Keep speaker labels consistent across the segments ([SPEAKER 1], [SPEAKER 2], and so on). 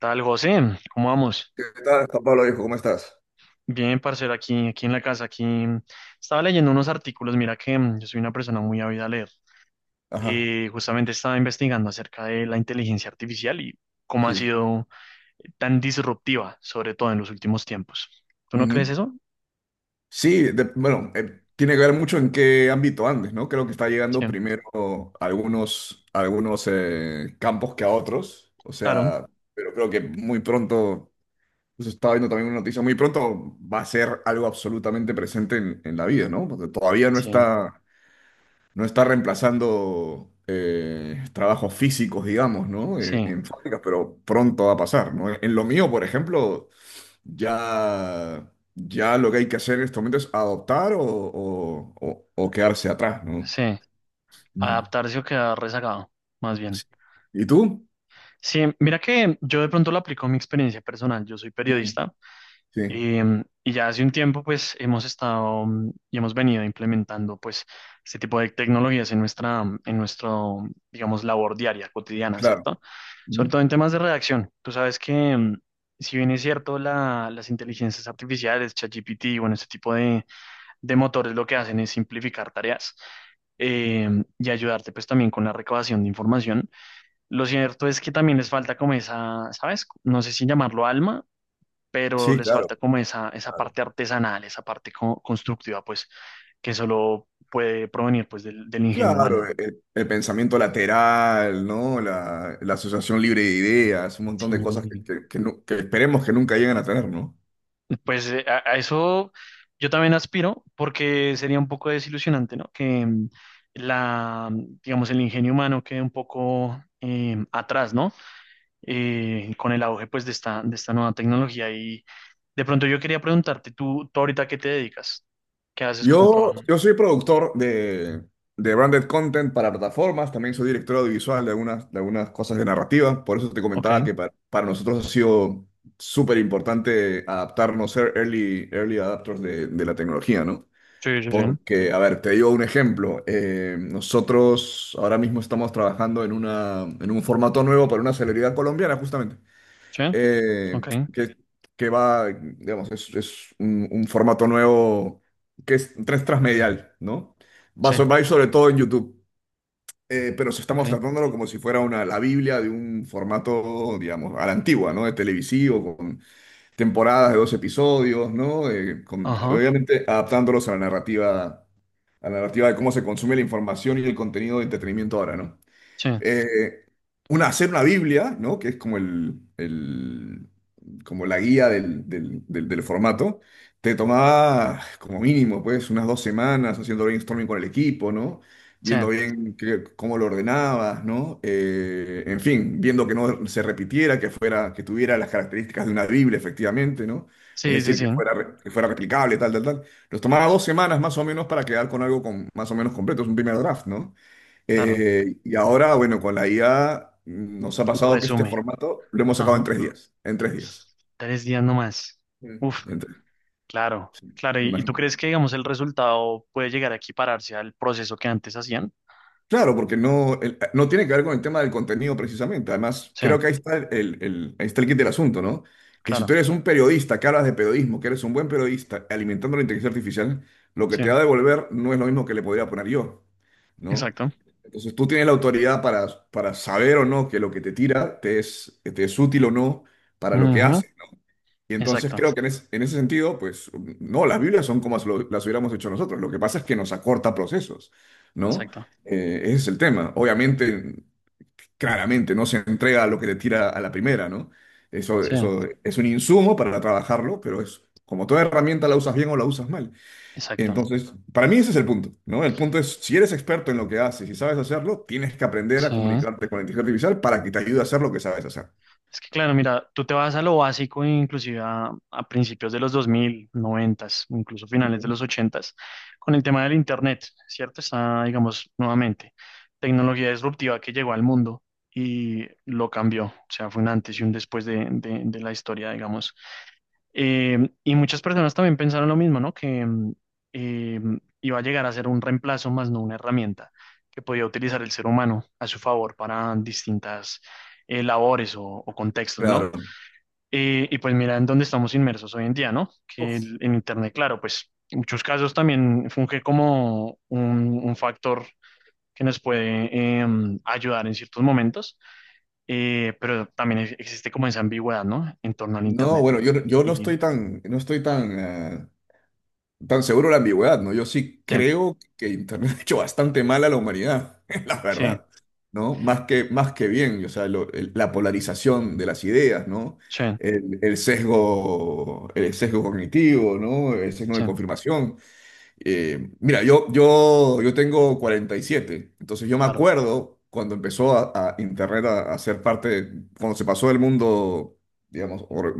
[SPEAKER 1] Tal, José, ¿cómo vamos?
[SPEAKER 2] ¿Qué tal, Juan Pablo, viejo? ¿Cómo estás?
[SPEAKER 1] Bien, parcero, aquí, aquí en la casa, aquí estaba leyendo unos artículos, mira que yo soy una persona muy ávida a leer.
[SPEAKER 2] Ajá,
[SPEAKER 1] Justamente estaba investigando acerca de la inteligencia artificial y cómo ha
[SPEAKER 2] sí.
[SPEAKER 1] sido tan disruptiva, sobre todo en los últimos tiempos. ¿Tú no crees
[SPEAKER 2] Ujú.
[SPEAKER 1] eso?
[SPEAKER 2] Sí, bueno, tiene que ver mucho en qué ámbito andes, ¿no? Creo que está llegando
[SPEAKER 1] Sí,
[SPEAKER 2] primero a algunos, campos que a otros, o
[SPEAKER 1] claro.
[SPEAKER 2] sea, pero creo que muy pronto, pues estaba viendo también una noticia, muy pronto va a ser algo absolutamente presente en, la vida, ¿no? Porque todavía no
[SPEAKER 1] Sí,
[SPEAKER 2] está, no está reemplazando trabajos físicos, digamos, ¿no? En,
[SPEAKER 1] sí,
[SPEAKER 2] en fábricas, pero pronto va a pasar, ¿no? En lo mío, por ejemplo. Ya lo que hay que hacer en este momento es adoptar o quedarse atrás, ¿no?
[SPEAKER 1] sí.
[SPEAKER 2] Mm.
[SPEAKER 1] Adaptarse o quedar rezagado, más bien.
[SPEAKER 2] Sí. ¿Y tú?
[SPEAKER 1] Sí, mira que yo de pronto lo aplico a mi experiencia personal. Yo soy
[SPEAKER 2] Mm,
[SPEAKER 1] periodista.
[SPEAKER 2] sí,
[SPEAKER 1] Y ya hace un tiempo, pues, hemos estado y hemos venido implementando, pues, este tipo de tecnologías en en nuestro, digamos, labor diaria, cotidiana,
[SPEAKER 2] claro.
[SPEAKER 1] ¿cierto? Sobre
[SPEAKER 2] Mm.
[SPEAKER 1] todo en temas de redacción. Tú sabes que, si bien es cierto, las inteligencias artificiales, ChatGPT, bueno, este tipo de motores lo que hacen es simplificar tareas y ayudarte, pues, también con la recabación de información. Lo cierto es que también les falta como esa, ¿sabes? No sé si llamarlo alma, pero
[SPEAKER 2] Sí,
[SPEAKER 1] les
[SPEAKER 2] claro,
[SPEAKER 1] falta como esa
[SPEAKER 2] claro.
[SPEAKER 1] parte artesanal, esa parte constructiva, pues, que solo puede provenir, pues, del ingenio
[SPEAKER 2] Claro,
[SPEAKER 1] humano.
[SPEAKER 2] el pensamiento lateral, ¿no? La asociación libre de ideas, un montón de cosas que,
[SPEAKER 1] Sí.
[SPEAKER 2] que- que nu- que esperemos que nunca lleguen a tener, ¿no?
[SPEAKER 1] Pues a eso yo también aspiro, porque sería un poco desilusionante, ¿no? Que la, digamos, el ingenio humano quede un poco atrás, ¿no? Con el auge, pues, de esta nueva tecnología. Y de pronto yo quería preguntarte, ¿tú ahorita qué te dedicas? ¿Qué haces como
[SPEAKER 2] Yo,
[SPEAKER 1] trabajo?
[SPEAKER 2] yo soy productor de branded content para plataformas, también soy director audiovisual de algunas cosas de narrativa, por eso te
[SPEAKER 1] Ok.
[SPEAKER 2] comentaba que para nosotros ha sido súper importante adaptarnos, ser early adapters de la tecnología, ¿no?
[SPEAKER 1] Sí, sí, sí.
[SPEAKER 2] Porque, a ver, te digo un ejemplo, nosotros ahora mismo estamos trabajando en una, en un formato nuevo para una celebridad colombiana, justamente
[SPEAKER 1] Sí,
[SPEAKER 2] eh,
[SPEAKER 1] ok.
[SPEAKER 2] que, que va, digamos, es un formato nuevo que es tres transmedial, ¿no? Va,
[SPEAKER 1] Sí.
[SPEAKER 2] so- va a ir sobre todo en YouTube, pero se
[SPEAKER 1] Ok.
[SPEAKER 2] estamos tratándolo como si fuera la Biblia de un formato, digamos, a la antigua, ¿no? De televisivo, con temporadas de 2 episodios, ¿no?
[SPEAKER 1] Ajá.
[SPEAKER 2] Obviamente adaptándolos a la narrativa, de cómo se consume la información y el contenido de entretenimiento ahora, ¿no?
[SPEAKER 1] Sí,
[SPEAKER 2] eh, Hacer una Biblia, ¿no? Que es como como la guía del formato, te tomaba como mínimo, pues, unas 2 semanas haciendo brainstorming con el equipo, ¿no?
[SPEAKER 1] sí,
[SPEAKER 2] Viendo bien cómo lo ordenabas, ¿no? En fin, viendo que no se repitiera, que fuera, que tuviera las características de una Biblia, efectivamente, ¿no? Es
[SPEAKER 1] sí, sí,
[SPEAKER 2] decir, que
[SPEAKER 1] sí.
[SPEAKER 2] fuera, re- que fuera replicable, tal, tal, tal. Nos tomaba 2 semanas más o menos para quedar con algo con, más o menos completo, es un primer draft, ¿no?
[SPEAKER 1] Claro.
[SPEAKER 2] Y ahora, bueno, con la IA nos ha pasado que este
[SPEAKER 1] Resume.
[SPEAKER 2] formato lo hemos sacado en
[SPEAKER 1] Ajá.
[SPEAKER 2] 3 días. En tres días.
[SPEAKER 1] 3 días nomás.
[SPEAKER 2] Mm.
[SPEAKER 1] Uf,
[SPEAKER 2] En tres,
[SPEAKER 1] claro, claro. ¿Y tú
[SPEAKER 2] imagino.
[SPEAKER 1] crees que, digamos, el resultado puede llegar a equipararse al proceso que antes hacían?
[SPEAKER 2] Claro, porque no, no tiene que ver con el tema del contenido precisamente. Además,
[SPEAKER 1] Sí,
[SPEAKER 2] creo que ahí está ahí está el kit del asunto, ¿no? Que si tú
[SPEAKER 1] claro.
[SPEAKER 2] eres un periodista que hablas de periodismo, que eres un buen periodista alimentando la inteligencia artificial, lo que
[SPEAKER 1] Sí,
[SPEAKER 2] te va a devolver no es lo mismo que le podría poner yo, ¿no?
[SPEAKER 1] exacto.
[SPEAKER 2] Entonces tú tienes la autoridad para saber o no que lo que te tira te es útil o no para lo que
[SPEAKER 1] Ujú,
[SPEAKER 2] haces. Y entonces
[SPEAKER 1] exacto,
[SPEAKER 2] creo que en ese sentido, pues no, las Biblias son como las hubiéramos hecho nosotros. Lo que pasa es que nos acorta procesos, ¿no?
[SPEAKER 1] exacto.
[SPEAKER 2] Ese es el tema. Obviamente, claramente, no se entrega lo que te tira a la primera, ¿no? Eso,
[SPEAKER 1] Sí,
[SPEAKER 2] eso es un insumo para trabajarlo, pero es como toda herramienta la usas bien o la usas mal.
[SPEAKER 1] exacto.
[SPEAKER 2] Entonces, para mí ese es el punto, ¿no? El punto es, si eres experto en lo que haces y sabes hacerlo, tienes que aprender a
[SPEAKER 1] Sí.
[SPEAKER 2] comunicarte con la inteligencia artificial para que te ayude a hacer lo que sabes hacer.
[SPEAKER 1] Es que claro, mira, tú te vas a lo básico, inclusive a principios de los 2000, 90, incluso finales de
[SPEAKER 2] Ujú.
[SPEAKER 1] los 80, con el tema del Internet, ¿cierto? Está, digamos, nuevamente, tecnología disruptiva que llegó al mundo y lo cambió. O sea, fue un antes y un después de la historia, digamos, y muchas personas también pensaron lo mismo, ¿no? Que eh, iba a llegar a ser un reemplazo más no una herramienta que podía utilizar el ser humano a su favor para distintas labores o contextos, ¿no?
[SPEAKER 2] Claro.
[SPEAKER 1] Y pues mira en dónde estamos inmersos hoy en día, ¿no? Que en Internet, claro, pues en muchos casos también funge como un factor que nos puede eh, ayudar en ciertos momentos, pero también existe como esa ambigüedad, ¿no? En torno al
[SPEAKER 2] No,
[SPEAKER 1] Internet.
[SPEAKER 2] bueno, yo no
[SPEAKER 1] Y,
[SPEAKER 2] estoy tan, no estoy tan, eh, tan seguro de la ambigüedad, ¿no? Yo sí
[SPEAKER 1] sí,
[SPEAKER 2] creo que Internet ha hecho bastante mal a la humanidad, la
[SPEAKER 1] sí.
[SPEAKER 2] verdad, ¿no? Más que bien, o sea, la polarización de las ideas, ¿no?
[SPEAKER 1] Sí,
[SPEAKER 2] El sesgo, el sesgo cognitivo, ¿no? El sesgo de
[SPEAKER 1] sí,
[SPEAKER 2] confirmación. Mira, yo tengo 47. Entonces yo me
[SPEAKER 1] claro.
[SPEAKER 2] acuerdo cuando empezó a Internet a ser parte, cuando se pasó del mundo, digamos,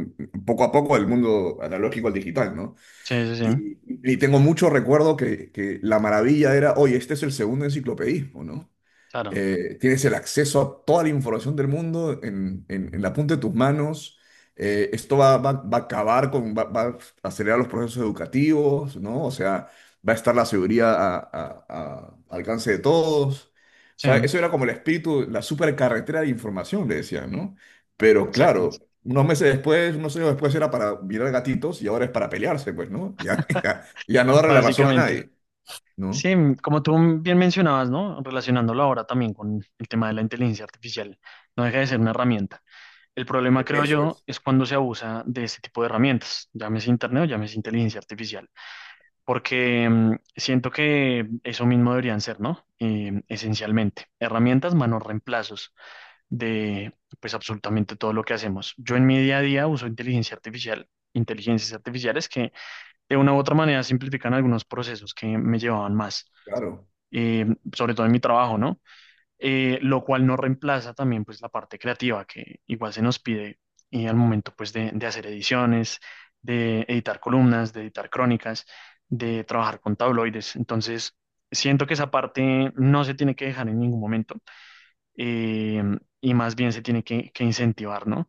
[SPEAKER 2] poco a poco del mundo analógico al digital, ¿no?
[SPEAKER 1] Sí, sí, sí,
[SPEAKER 2] Y, y tengo mucho recuerdo que la maravilla era, oye, este es el segundo enciclopedismo, ¿no?
[SPEAKER 1] claro.
[SPEAKER 2] Tienes el acceso a toda la información del mundo en, en la punta de tus manos. Esto va, va- va a acabar con, va, va a acelerar los procesos educativos, ¿no? O sea, va a estar la seguridad a al alcance de todos. O
[SPEAKER 1] Sí,
[SPEAKER 2] sea, eso era como el espíritu, la supercarretera de información, le decían, ¿no? Pero
[SPEAKER 1] exacto.
[SPEAKER 2] claro, unos meses después, unos años después era para mirar gatitos y ahora es para pelearse, pues, ¿no? Ya, ya no darle la razón a
[SPEAKER 1] Básicamente.
[SPEAKER 2] nadie,
[SPEAKER 1] Sí,
[SPEAKER 2] ¿no?
[SPEAKER 1] como tú bien mencionabas, ¿no? Relacionándolo ahora también con el tema de la inteligencia artificial, no deja de ser una herramienta. El problema, creo
[SPEAKER 2] Eso
[SPEAKER 1] yo,
[SPEAKER 2] es,
[SPEAKER 1] es cuando se abusa de ese tipo de herramientas, llámese internet o llámese inteligencia artificial, porque siento que eso mismo deberían ser, ¿no? Esencialmente, herramientas, manos reemplazos de pues absolutamente todo lo que hacemos. Yo en mi día a día uso inteligencia artificial, inteligencias artificiales que de una u otra manera simplifican algunos procesos que me llevaban más,
[SPEAKER 2] claro.
[SPEAKER 1] eh, sobre todo en mi trabajo, ¿no? Lo cual no reemplaza también pues la parte creativa que igual se nos pide y al momento pues de hacer ediciones, de editar columnas, de editar crónicas, de trabajar con tabloides. Entonces, siento que esa parte no se tiene que dejar en ningún momento eh, y más bien se tiene que incentivar, ¿no?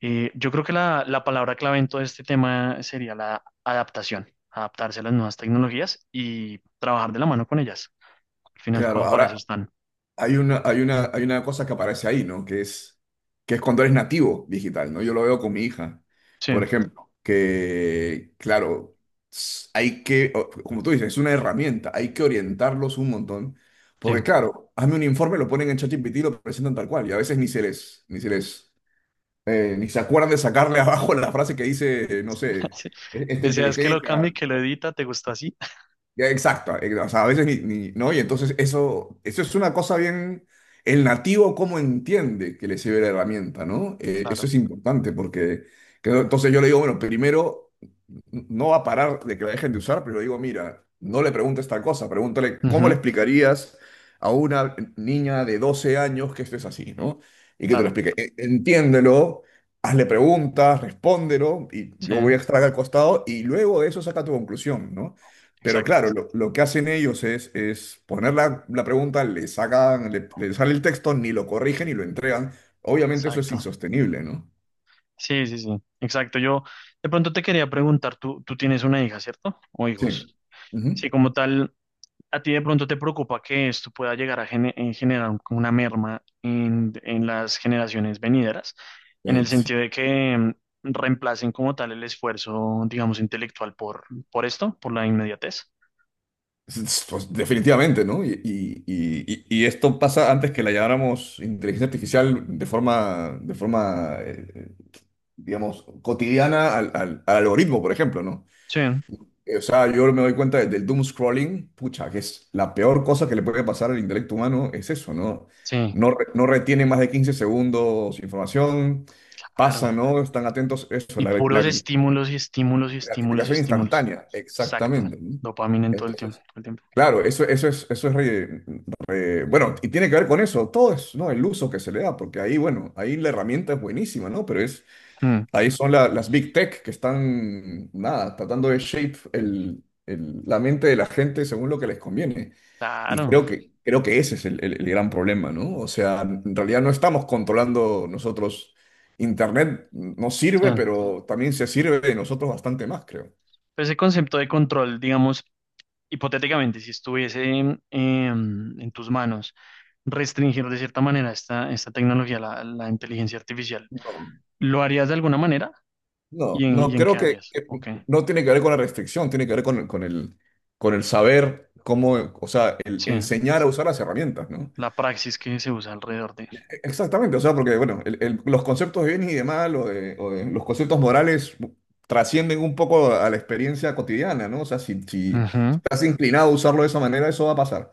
[SPEAKER 1] Yo creo que la palabra clave en todo este tema sería la adaptación, adaptarse a las nuevas tecnologías y trabajar de la mano con ellas. Al fin y al
[SPEAKER 2] Claro,
[SPEAKER 1] cabo, para eso
[SPEAKER 2] ahora,
[SPEAKER 1] están.
[SPEAKER 2] hay una cosa que aparece ahí, ¿no? Que es cuando eres nativo digital, ¿no? Yo lo veo con mi hija,
[SPEAKER 1] Sí,
[SPEAKER 2] por ejemplo, que, claro, hay que, como tú dices, es una herramienta, hay que orientarlos un montón, porque
[SPEAKER 1] sí.
[SPEAKER 2] claro, hazme un informe, lo ponen en ChatGPT y lo presentan tal cual, y a veces ni se acuerdan de sacarle abajo la frase que dice, no sé,
[SPEAKER 1] Sí.
[SPEAKER 2] esta
[SPEAKER 1] ¿Deseas que lo
[SPEAKER 2] inteligencia.
[SPEAKER 1] cambie, que lo edita? ¿Te gustó así?
[SPEAKER 2] Ya, exacto, o sea, a veces ¿no? Y entonces eso es una cosa bien, el nativo cómo entiende que le sirve la herramienta, ¿no? Eso
[SPEAKER 1] Claro.
[SPEAKER 2] es importante porque, que no- entonces yo le digo, bueno, primero no va a parar de que la dejen de usar, pero digo, mira, no le preguntes tal cosa, pregúntale cómo le
[SPEAKER 1] Ujú,
[SPEAKER 2] explicarías a una niña de 12 años que esto es así, ¿no? Y que te lo
[SPEAKER 1] claro,
[SPEAKER 2] explique. Entiéndelo, hazle preguntas, respóndelo, y
[SPEAKER 1] sí,
[SPEAKER 2] yo voy a estar acá al costado, y luego de eso saca tu conclusión, ¿no? Pero
[SPEAKER 1] exacto,
[SPEAKER 2] claro, lo que hacen ellos es, es poner la pregunta, le sacan, le sale el texto, ni lo corrigen ni lo entregan. Obviamente eso es
[SPEAKER 1] exacto.
[SPEAKER 2] insostenible, ¿no?
[SPEAKER 1] Sí, sí, sí, exacto. Yo de pronto te quería preguntar, tú tienes una hija, ¿cierto? O
[SPEAKER 2] Sí.
[SPEAKER 1] hijos.
[SPEAKER 2] Ujú.
[SPEAKER 1] Sí, como tal. ¿A ti de pronto te preocupa que esto pueda llegar a generar como una merma en las generaciones venideras? En el
[SPEAKER 2] Sí.
[SPEAKER 1] sentido de que reemplacen como tal el esfuerzo, digamos, intelectual por, esto, por la inmediatez.
[SPEAKER 2] Pues definitivamente, ¿no? Y esto pasa antes que la llamáramos inteligencia artificial de forma digamos, cotidiana al algoritmo, por ejemplo, ¿no?
[SPEAKER 1] Sí,
[SPEAKER 2] O sea, yo me doy cuenta del doom scrolling, pucha, que es la peor cosa que le puede pasar al intelecto humano, es eso, ¿no?
[SPEAKER 1] sí,
[SPEAKER 2] No, no retiene más de 15 segundos información, pasa,
[SPEAKER 1] claro.
[SPEAKER 2] ¿no? Están atentos, eso,
[SPEAKER 1] Y
[SPEAKER 2] la
[SPEAKER 1] puros estímulos y estímulos y estímulos y
[SPEAKER 2] gratificación
[SPEAKER 1] estímulos.
[SPEAKER 2] instantánea,
[SPEAKER 1] Exacto.
[SPEAKER 2] exactamente, ¿no?
[SPEAKER 1] Dopamina en todo el tiempo.
[SPEAKER 2] Entonces
[SPEAKER 1] Todo el tiempo.
[SPEAKER 2] claro, eso, eso es re- re- bueno, y tiene que ver con eso, todo es, ¿no? El uso que se le da, porque ahí, bueno, ahí la herramienta es buenísima, ¿no? Pero
[SPEAKER 1] Mm,
[SPEAKER 2] ahí son las big tech que están, nada, tratando de shape la mente de la gente según lo que les conviene. Y
[SPEAKER 1] claro.
[SPEAKER 2] creo que ese es el gran problema, ¿no? O sea, en realidad no estamos controlando nosotros. Internet nos sirve,
[SPEAKER 1] Sí.
[SPEAKER 2] pero también se sirve de nosotros bastante más, creo.
[SPEAKER 1] Pues ese concepto de control, digamos, hipotéticamente, si estuviese en tus manos restringir de cierta manera esta tecnología, la inteligencia artificial, ¿lo harías de alguna manera?
[SPEAKER 2] No,
[SPEAKER 1] ¿Y en, y
[SPEAKER 2] no
[SPEAKER 1] en
[SPEAKER 2] creo
[SPEAKER 1] qué áreas? Ok,
[SPEAKER 2] no tiene que ver con la restricción, tiene que ver con el saber cómo, o sea, el
[SPEAKER 1] sí,
[SPEAKER 2] enseñar a usar las herramientas, ¿no?
[SPEAKER 1] la praxis que se usa alrededor de.
[SPEAKER 2] Exactamente, o sea, porque, bueno, los conceptos de bien y de mal los conceptos morales trascienden un poco a la experiencia cotidiana, ¿no? O sea, si
[SPEAKER 1] Ujú,
[SPEAKER 2] estás inclinado a usarlo de esa manera, eso va a pasar.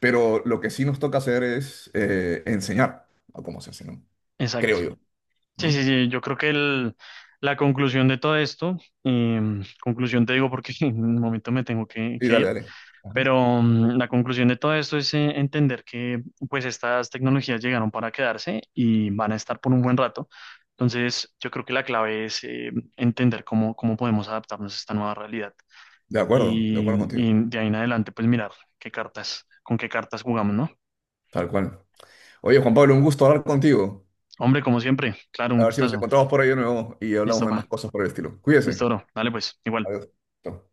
[SPEAKER 2] Pero lo que sí nos toca hacer es enseñar a cómo se hace, ¿no?
[SPEAKER 1] exacto.
[SPEAKER 2] Creo yo,
[SPEAKER 1] Sí, sí,
[SPEAKER 2] ¿no?
[SPEAKER 1] sí, yo creo que la conclusión de todo esto, conclusión te digo porque en un momento me tengo que
[SPEAKER 2] Sí,
[SPEAKER 1] que
[SPEAKER 2] dale,
[SPEAKER 1] ir.
[SPEAKER 2] dale. Ajá.
[SPEAKER 1] Pero la conclusión de todo esto es entender que pues estas tecnologías llegaron para quedarse y van a estar por un buen rato. Entonces, yo creo que la clave es entender cómo podemos adaptarnos a esta nueva realidad
[SPEAKER 2] De
[SPEAKER 1] y,
[SPEAKER 2] acuerdo contigo,
[SPEAKER 1] y de ahí en adelante pues mirar qué cartas, con qué cartas jugamos, ¿no?
[SPEAKER 2] tal cual. Oye, Juan Pablo, un gusto hablar contigo.
[SPEAKER 1] Hombre, como siempre, claro, un
[SPEAKER 2] A ver si nos
[SPEAKER 1] gustazo.
[SPEAKER 2] encontramos por ahí de nuevo y hablamos
[SPEAKER 1] Listo,
[SPEAKER 2] de
[SPEAKER 1] va.
[SPEAKER 2] más cosas por el estilo.
[SPEAKER 1] Listo,
[SPEAKER 2] Cuídese.
[SPEAKER 1] bro. Dale pues, igual.
[SPEAKER 2] Adiós. Chao.